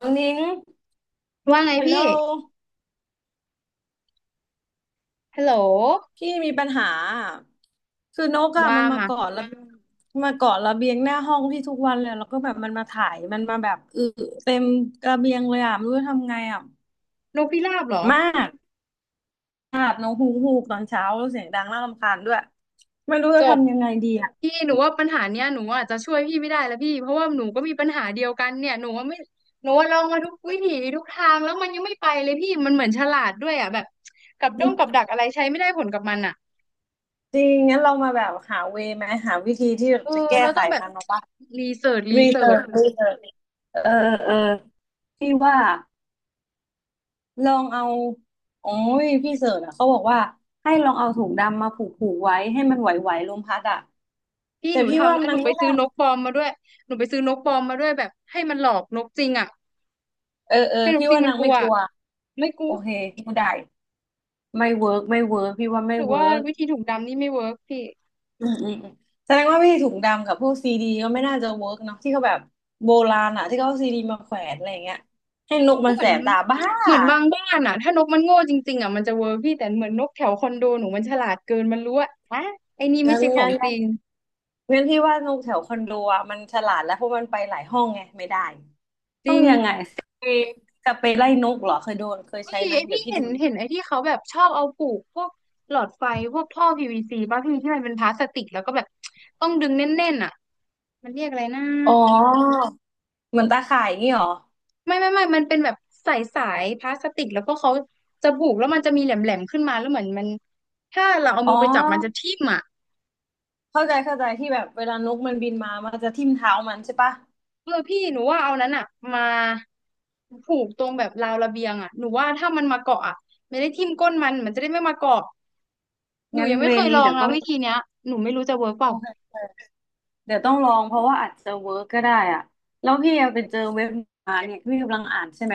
น้องนิ้งว่าไงฮัลโหลพี่ฮัลโหลพี่มีปัญหาอะคือนกอะว่ามันมามาเกาะระมาเกาะระเบียงหน้าห้องพี่ทุกวันเลย แล้วก็แบบมันมาถ่าย มันมาแบบอึเต็มระเบียงเลยอะ ไม่รู้จะทำไงอะ นกพิราบเหรอมากอาบน้องฮูกฮูกตอนเช้าแล้วเสียงดังน่ารำคาญด้วย ไม่รู้จจะบทำยังไงดีอะ พี่หนูว่าปัญหาเนี้ยหนูอาจจะช่วยพี่ไม่ได้แล้วพี่ เพราะว่าหนูก็มีปัญหาเดียวกันเนี่ยหนูว่าไม่หนูว่าลองมาทุกวิถีทุกทางแล้วมันยังไม่ไปเลยพี่มันเหมือนฉลาดด้วยอ่ะแบบกับดักอะไรใช้ไม่ได้ผลกับมันอ่ะจริงงั้นเรามาแบบหาเวย์ไหมหาวิธีที่เออจะแก้เราไขต้องแบบมันเนาะปะรีรีเสิเสิร์ร์ชชรีเสิร์ชเออพี่ว่า ลองเอาโอ้ยพี่เสิร์ชอ่ะเขาบอกว่าให้ลองเอาถุงดำมาผูกไว้ให้มันไหวๆลมพัดอ่ะพี่แต่หนูพี่ทำว่าแล้วหนานูงไปไม่ได้ซื้อนกปลอมมาด้วยหนูไปซื้อนกปลอมมาด้วยแบบให้มันหลอกนกจริงอ่ะเออให้นกพี่จริงว่ามันนางกลัไม่วกลัวไม่กลัโอวเคไม่ได้ไม่เวิร์กพี่ว่าไม่หรือว่าเวิร์กวิธีถุงดำนี่ไม่เวิร์กพี่ อืมแสดงว่าพี่ถุงดำกับพวกซีดีก็ไม่น่าจะเวิร์กเนาะที่เขาแบบโบราณอ่ะที่เขาเอาซีดีมาแขวนอะไรอย่างเงี้ยให้นกก็มันเหมืแสอนบตาบ้าเหมือนบางบ้านอ่ะถ้านกมันโง่จริงๆอ่ะมันจะเวอร์พี่แต่เหมือนนกแถวคอนโดหนูมันฉลาดเกินมันรู้ว่าฮะไอ้นี่ยัไม่งใช่ขอยังงจยังริงงั้นพี่ว่านกแถวคอนโดอ่ะมันฉลาดแล้วเพราะมันไปหลายห้องไงไม่ได้ จต้องริงยังไงสเปรย์สเปรย์ไล่นกเหรอเคยโดนเคยเฮ้ใช้ยไหมเดี๋ยพี่วพี่เห็ดูนนี่ไอที่เขาแบบชอบเอาปลูกพวกหลอดไฟพวกท่อ PVC ป่ะพี่ที่มันเป็นพลาสติกแล้วก็แบบต้องดึงแน่นๆอ่ะมันเรียกอะไรนะอ๋อเหมือนตาข่ายอย่างงี้เหรอไม่มันเป็นแบบสายพลาสติกแล้วก็เขาจะปลูกแล้วมันจะมีแหลมๆขึ้นมาแล้วเหมือนมันถ้าเราเอาอ๋มืออไปจับมันจะทิ่มอ่ะ เข้าใจที่แบบเวลานกมันบินมามันจะทิ่มเท้ามันใช่ปะเออพี่หนูว่าเอานั้นอ่ะมาผูกตรงแบบราวระเบียงอ่ะหนูว่าถ้ามันมาเกาะอ่ะไม่ได้ทิ่มก้นมันมันจะได้ไม่มาเกาะหนูงั้นยังไม่เวเครยลนี้องเดี๋ยวนะต้องวิธีเนี้ยหนูไม่รู้จะเวิร์กเปโอล่าเคเดี๋ยวต้องลองเพราะว่าอาจจะเวิร์กก็ได้อ่ะแล้วพี่อะไปเจอเว็บมาเนี่ยพี่กำลังอ่านใช่ไหม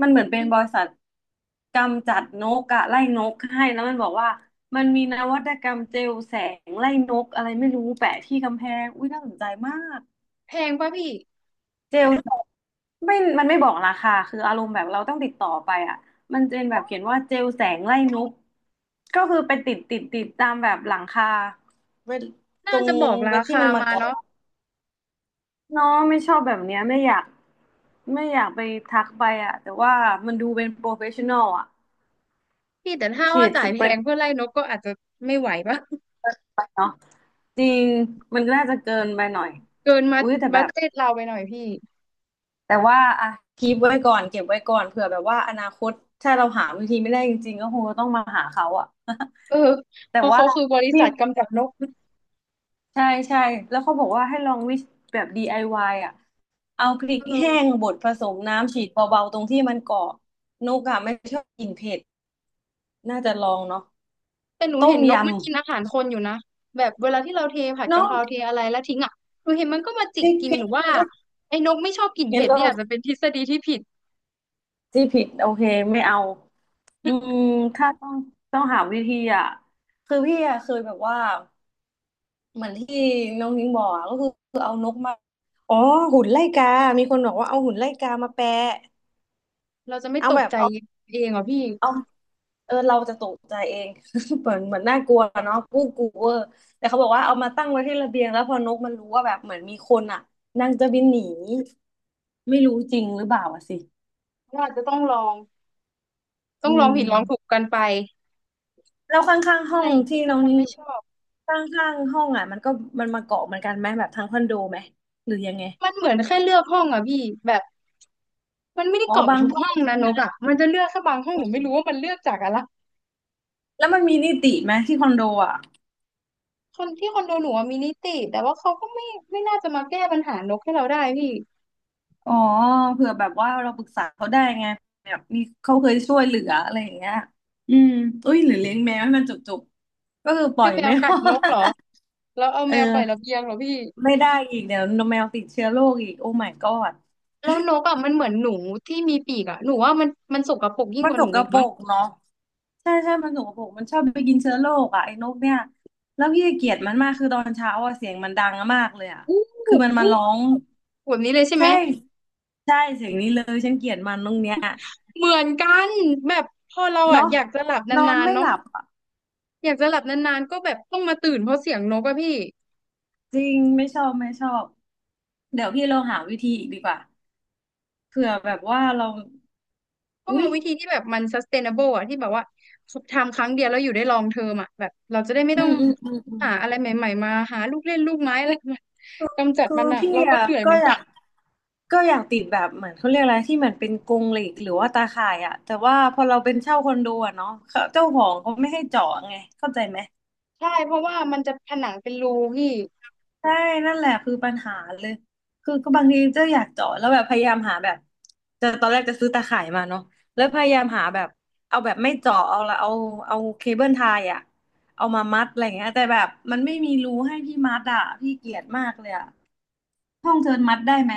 มันเหมือนเป็นอืบริมษัทกำจัดนกอะไล่นกให้แล้วมันบอกว่ามันมีนวัตกรรมเจลแสงไล่นกอะไรไม่รู้แปะที่กำแพงอุ้ยน่าสนใจมาก แพงป่ะพี่เจลไม่มันไม่บอกราคาคืออารมณ์แบบเราต้องติดต่อไปอ่ะมันจะเป็นแบบเขียนว่าเจลแสงไล่นกก็คือไปติดตามแบบหลังคาเวทตน่ารงจะบอกเวราทที่คามันมามาเกาะเนาะเนาะไม่ชอบแบบเนี้ยไม่อยากไม่อยากทักไปอ่ะแต่ว่ามันดูเป็นโปรเฟชชั่นอลอ่ะพี่แต่ถ้าฉีว่าดจ่าสยแพเปรงย์เพื่อไล่นกก็อาจจะไม่ไหวป่ะ เนาะจริงมันน่าจะเกินไปหน่อยเกินมาอุ้ยแต่แบบัดบ เจ็ตเราไปหน่อยพี่แต่ว่าอ่ะคีปไว้ก่อนเก็บไว้ก่อนเผื่อแบบว่าอนาคตถ้าเราหาวิธีไม่ได้จริงๆก็คงจะต้องมาหาเขาอะ เออ แต่เพราะว่าเขาคือบริพี่ษัทกำจัดนกใช่แล้วเขาบอกว่าให้ลองวิแบบ DIY อวายอะเอาพริเกแห้งออ บดผสมน้ำฉีดเบาๆตรงที่มันเกาะนกอะไม่ชอบกินเผ็ดน่าจะลองเนาะแต่หนูต้เห็มนนยกมันกินอาหารคนอยู่นะแบบเวลาที่เราเทผัดำกะเนาะเพราเทอะไรแล้วทิ้งอ่ะหนูเห็นมันก็มาจิพกริกกิพนริหนูว่ากไอ้นกไม่ชอบกลิ่นงั้เผ็นดก็นี่อาจจะเป็นทฤษฎีที่ผิดที่ผิดโอเคไม่เอาอืมถ้าต้องหาวิธีอะคือพี่อะเคยแบบว่า เหมือนที่น้องนิ้งบอกอะก็คือเอานกมาอ๋อหุ่นไล่กามีคนบอกว่าเอาหุ่นไล่กามาแปะเราจะไม่เอาตแบกบใจเอาเองเหรอพี่เอาเออเราจะตกใจเอง เหมือนน่ากลัวเนาะกู้กลัวแต่เขาบอกว่าเอามาตั้งไว้ที่ระเบียงแล้วพอนกมันรู้ว่าแบบเหมือนมีคนอ่ะนางจะบินหนีไม่รู้จริงหรือเปล่าอะสิว่าอาจจะต้องลองต้ออืงลองผิดลองถูกมกันไปแล้วข้างๆที่ห้อะอไรงอีกที่ที่บาน้องงคนนิ้งอไม่ยู่ชอบข้างๆห้องอ่ะมันก็มันมาเกาะเหมือนกันไหมแบบทั้งคอนโดไหมหรือยังไงมันเหมือนแค่เลือกห้องอ่ะพี่แบบมันไม่ได้อ๋อเกาะบางทุกห้องห้องใช่นะนไหม กอ่ะมันจะเลือกแค่บางห้องหนูไม่รู้ว่ามันเลือกจากอะไรแล้วมันมีนิติไหมที่คอนโดอ่ะคนที่คอนโดหนูอะมีนิติแต่ว่าเขาก็ไม่ไม่น่าจะมาแก้ปัญหานกให้เราได้พี่ อ๋อเผื่อแบบว่าเราปรึกษาเขาได้ไงแบบมีเขาเคยช่วยเหลืออะไรอย่างเงี้ยอืมอุ้ยหรือเลี้ยงแมวให้มันจุกๆก็คือปล่ให้อยแมวไม่รกัดอนกเหรอด แล้วเอา เอแมวปล่อยระเบีอยงเหรอพี่ไม่ได้อีกเดี๋ยวแมวติดเชื้อโรคอีกโอ้ my god แล้วนกอ่ะมันเหมือนหนูที่มีปีกอ่ะหนูว่ามันมันสกปรกยิ่งมักนว่าสหนูกอีกปรมั้งกเนาะใช่มันสกปรกมันชอบไปกินเชื้อโรคอ่ะไอ้นกเนี่ยแล้วพี่เกลียดมันมากคือตอนเช้าอ่ะเสียงมันดังมากเลยอ่ะอู้คือมันมาอู้ร้องแบบนี้เลยใช่ไหใช่มใช่เสียงนี้เลยฉันเกลียดมันตรงเนี้ยเหมือนกันแบบพอเราอ่ะเนาะอยากจะหลับนนอนานๆไม่หเนาะลับอ่ะอยากจะหลับนานๆก็แบบต้องมาตื่นเพราะเสียงนกอะพี่จริงไม่ชอบเดี๋ยวพี่เราหาวิธีอีกดีกว่าเผื่อแบบว่าเราต้องอุ๊ยเอาวิธีที่แบบมัน sustainable อะที่แบบว่าทำครั้งเดียวแล้วอยู่ได้ลองเทอ m อะแบบเราจะได้ไม่อืต้องมอืมอืมอืม หาอะไรใหม่ๆมาหาลูกเล่นลูกไม้อะไรมากำจัดคืมัอนอะพี่เราก็อะเหนื่อยเหก็มือนอกัยาน กก็อยากติดแบบเหมือนเขาเรียกอะไรที่เหมือนเป็นกรงเหล็กหรือว่าตาข่ายอะแต่ว่าพอเราเป็นเช่าคอนโดอะเนาะเขาเจ้าของเขาไม่ให้เจาะไงเข้าใจไหมใช่เพราะว่ามันจะผนังเป็นรูพี่ใช่นั่นแหละคือปัญหาเลยคือก็บางทีเจ้าอยากเจาะแล้วแบบพยายามหาแบบจะตอนแรกจะซื้อตาข่ายมาเนาะแล้วพยายามหาแบบเอาแบบไม่เจาะเอาเคเบิลไทยอะเอามามัดอะไรเงี้ยแต่แบบมันไม่มีรูให้พี่มัดอะพี่เกลียดมากเลยอะห้องเธอมัดได้ไหม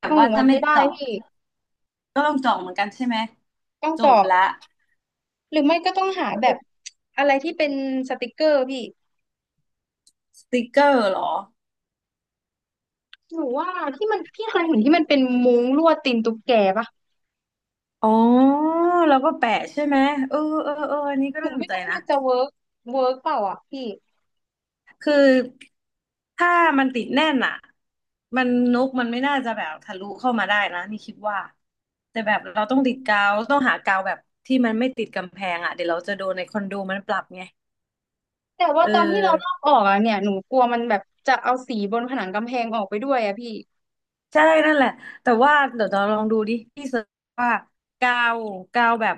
แบบห้องหว่านูมัถ้านไม่ไม่ได้เจาะ พี่ก็ลองจองเหมือนกันใช่ไหมต้องจบเจาะละหรือไม่ก็ต้องหาแบบอะไรที่เป็นสติกเกอร์พี่สติกเกอร์เหรอหนูว่าที่มันพี่เคยเห็นที่มันเป็นมุ้งลวดตีนตุ๊กแกปะอ๋อแล้วก็แปะใช่ไหมเออเออเอออันนี้ก็หนูน่าสไม่นใจรู้ว่านะมันจะเวิร์กเปล่าอ่ะพี่คือถ้ามันติดแน่นอ่ะมันนกมันไม่น่าจะแบบทะลุเข้ามาได้นะนี่คิดว่าแต่แบบเราต้องติดกาวต้องหากาวแบบที่มันไม่ติดกำแพงอ่ะเดี๋ยวเราจะโดนในคอนโดมันปรับไงแต่ว่าเออ ตอนที่เราลอกออกอ่ะเนี่ยหนูกลัวมันแบบจะเอาสีบนผนังกำแพงออกไปด้วยอ่ะพี่ใช่นั่นแหละแต่ว่าเดี๋ยวเราลองดูดิพี่เสิร์ชว่ากาวกาวแบบ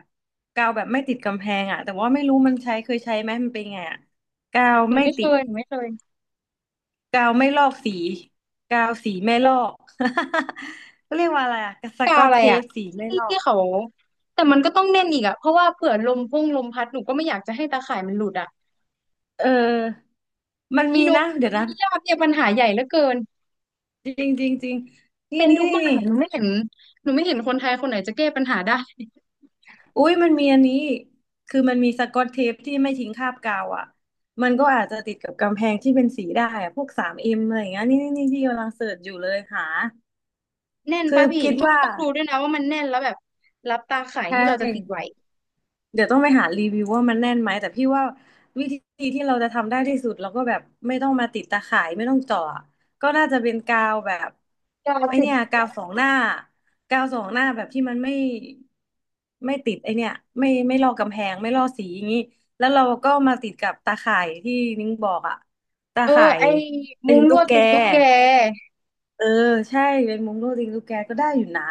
กาวแบบไม่ติดกำแพงอ่ะแต่ว่าไม่รู้มันใช้เคยใช้ไหมมันเป็นไงอ่ะกาวไม่ติดหนูไม่เคยกาวไม่ลอกสีกาวสีไม่ลอก เขาเรียกว่าอะไรอะสกากวอตอะไรเทอ่ะปสีไม่ที่ลอที่กเขาแต่มันก็ต้องแน่นอีกอ่ะเพราะว่าเผื่อลมพุ่งลมพัดหนูก็ไม่อยากจะให้ตาข่ายมันหลุดอ่ะ เออมันอีมีโนนะเดี๋ยวนะมิยาบเนี่ยปัญหาใหญ่เหลือเกินจริงจริงจริงนี่เป็นนี่ทุกบ้านนี่ อะหนูไม่เห็นหนูไม่เห็นคนไทยคนไหนจะแก้ปัญหาได้ อุ้ยมันมีอันนี้ คือมันมีสกอตเทปที่ไม่ทิ้งคราบกาวอ่ะ มันก็อาจจะติดกับกำแพงที่เป็นสีได้อะพวกสามเอ็มอะไรอย่างเงี้ยนี่นี่นี่ที่กำลังเสิร์ชอยู่เลยหา แน่นคืป่ะอพี่คิดต้องว่าต้องดูด้วยนะว่ามันแน่นแล้วแบบรับตาข่ายใช่ ที่เราจะติดไหว้เดี๋ยวต้องไปหารีวิวว่ามันแน่นไหมแต่พี่ว่าวิธีที่เราจะทำได้ที่สุดเราก็แบบไม่ต้องมาติดตาข่ายไม่ต้องเจาะก็น่าจะเป็นกาวแบบกาไอติดเนี่ยกาวสองหน้ากาวสองหน้าแบบที่มันไม่ไม่ติดไอเนี่ยไม่ลอกกำแพงไม่ลอกสีอย่างนี้แล้วเราก็มาติดกับตาข่ายที่นิ้งบอกอะตาเออข่ายไอ้ตีมุ้งนลตุ๊กวดแกติดตุ๊กแกเออใช่เป็นมุ้งลวดตีนตุ๊กแกก็ได้อยู่นะ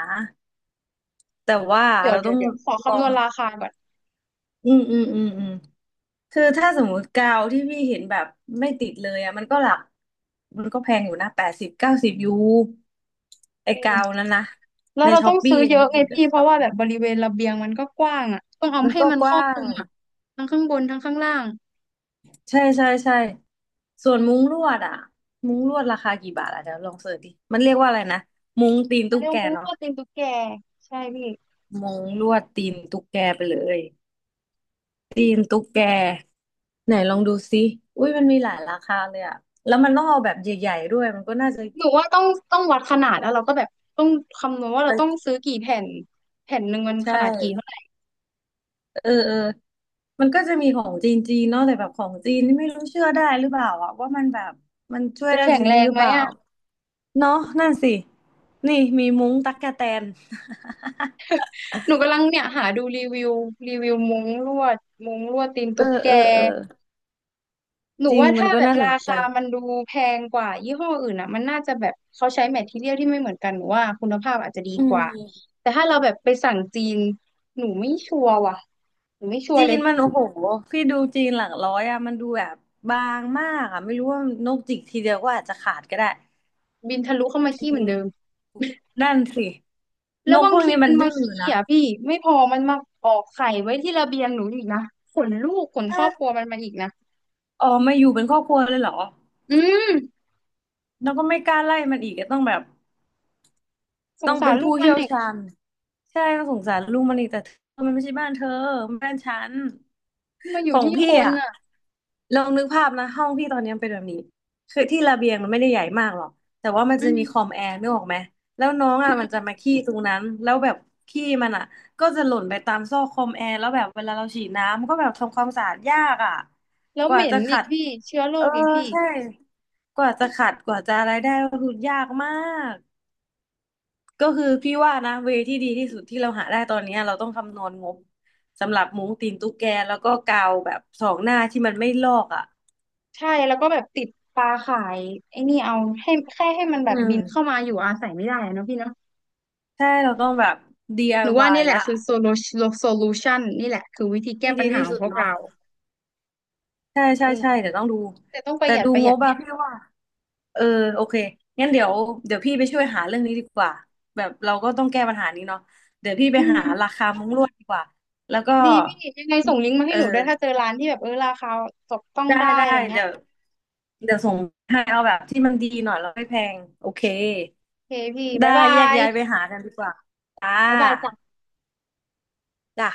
แต่ว่าเราต้องเดี๋ยวขอลอคำนวง ณราคาก่อนอืมอืมอืมอืม คือถ้าสมมติกาวที่พี่เห็นแบบไม่ติดเลยอะมันก็หลักมันก็แพงอยู่นะแปดสิบเก้าสิบยูไอ้อืมกาวนั้นนะแล้วในเราช้ต้ออปงซื้ปี้ออัเยนอะนี้ไงคือเดพี่อะเพช็อราะปว่าแบบบริเวณระเบียงมันก็กว้างอ่ะต้องเอามันให้ก็มันกครอบว้าคลุงมอ่ะทั้งข้างบนทั้งข้างล่างใช่ใช่ใช่ส่วนมุ้งลวดอะมุ้งลวดราคากี่บาทอะเดี๋ยวลองเสิร์ชดิมันเรียกว่าอะไรนะมุ้งตีนเขาตุ๊กเรียกแกว่ามุ้งลเนาะวดติดตุ๊กแกใช่พี่ มุ้งลวดตีนตุ๊กแกไปเลย ตีนตุ๊กแกไหนลองดูซิอุ้ยมันมีหลายราคาเลยอะแล้วมันต้องเอาแบบใหญ่ๆด้วยมันก็น่าจะหนูว่าต้องต้องวัดขนาดแล้วเราก็แบบต้องคำนวณว่าเราต้องไปซื้อกี่แผ่นแผ่นหนึ่งมันใช่ขนาดกี่เท่าไหร่เออเออมันก็จะมีของจีนเนาะแต่แบบของจีนนี่ไม่รู้เชื่อได้หรือเปล่าอะว่ามันแบบมันช่วยจะได้แข็จงริงแรงหรือไหมเปล่าอ่ะเนาะนั่นสินี่มีมุ้งตั๊กแตนหนูกำลังเนี่ยหาดูรีวิวรีวิวมุ้งลวดมุ้งลวดตีนเออตุ๊กแกเออเออหนูจริงว่ามันถ้าก็แบบน่าสรานใจคามันดูแพงกว่ายี่ห้ออื่นอ่ะมันน่าจะแบบเขาใช้แมททีเรียลที่ไม่เหมือนกันหนูว่าคุณภาพอาจจะดีอืกว่ามแต่ถ้าเราแบบไปสั่งจีนหนูไม่ชัวร์ว่ะหนูไม่ชัวจีร์เลยนมันโอ้โหพี่ดูจีนหลักร้อยอะมันดูแบบบางมากอะไม่รู้ว่านกจิกทีเดียวก็อาจจะขาดก็ได้บินทะลุเข้ามาจริขี้เหมือนง เดิม นั่นสิแล้นวกบาพงวกทีนี้มัมันนดื้มาอขี้นะอ่ะพี่ไม่พอมันมาออกไข่ไว้ที่ระเบียงหนูอีกนะขนลูกขนคถ้ารอบครัวมันมาอีกนะออกมาอยู่เป็นครอบครัวเลยเหรออืมแล้วก็ไม่กล้าไล่มันอีกก็ต้องแบบสต้งองสาเป็รนลูกผู้มันเชี่ยวเนี่ยชาญใช่ต้องสงสารลูกมันอีกแต่เธอมันไม่ใช่บ้านเธอมันบ้านฉัน มาอขยู่องที่คพี่นอ่ะอ่ะลองนึกภาพนะห้องพี่ตอนนี้มันเป็นแบบนี้คือที่ระเบียงมันไม่ได้ใหญ่มากหรอกแต่ว่ามันอืจะมีคอมมแอร์นึกออกไหมแล้วน้องอือ่ะมันจะมมาขี้ตรงนั้นแล้วแบบขี้มันอ่ะก็จะหล่นไปตามซอกคอมแอร์แล้วแบบเวลาเราฉีดน้ำมันก็แบบทำความสะอาดยากอ่ะแล้วกเหว่าม็จะนอีขักดพี่เชื้อโรเออคอีกพี่ใช่กว่าจะขัดกว่าจะอะไรได้ก็คือยากมาก ก็คือพี่ว่านะเวที่ดีที่สุดที่เราหาได้ตอนเนี้ยเราต้องคำนวณงบสำหรับมุ้งตีนตุ๊กแกแล้วก็กาวแบบสองหน้าที่มันไม่ลอกอ่ะใช่แล้วก็แบบติดปลาข่ายไอ้นี่เอาให้แค่ให้มันแบอืบมบินเข้ามาอยู่อาศัยไม่ได้อะเนาะพี่เนาะใช่เราต้องแบบ หนูว่า DIY นี่แหละละคือโซลูชันนี่แหละคือวิธีแก้ที่ปัดีญหาที่ของสุดพวกเนาะเราใช่ใช่อืมใช่เดี๋ยวต้องดูแต่ต้องประแต่หยัดดูประหงยัดบนิอะพี่ดว่าเออโอเคงั้นเดี๋ยวพี่ไปช่วยหาเรื่องนี้ดีกว่าแบบเราก็ต้องแก้ปัญหานี้เนาะเดี๋ยวพี่ไปอืหาม ราคามุ้งลวดดีกว่าแล้วก็ดีพี่ยังไงส่งลิงก์มาให้เอหนูด้อวยถ้าเจอร้านที่แบบเออราคาจับต้องได้ได้ได้อะไรเงี้ยเดี๋ยว เดี๋ยวส่งให้เอาแบบที่มันดีหน่อยแล้วไม่แพงโอเคโอเคพี่ได้บ๊ายบาแยกย้ายไปยหากันดีกว่าจ้าบ๊ายบายจ้ะจ้ะ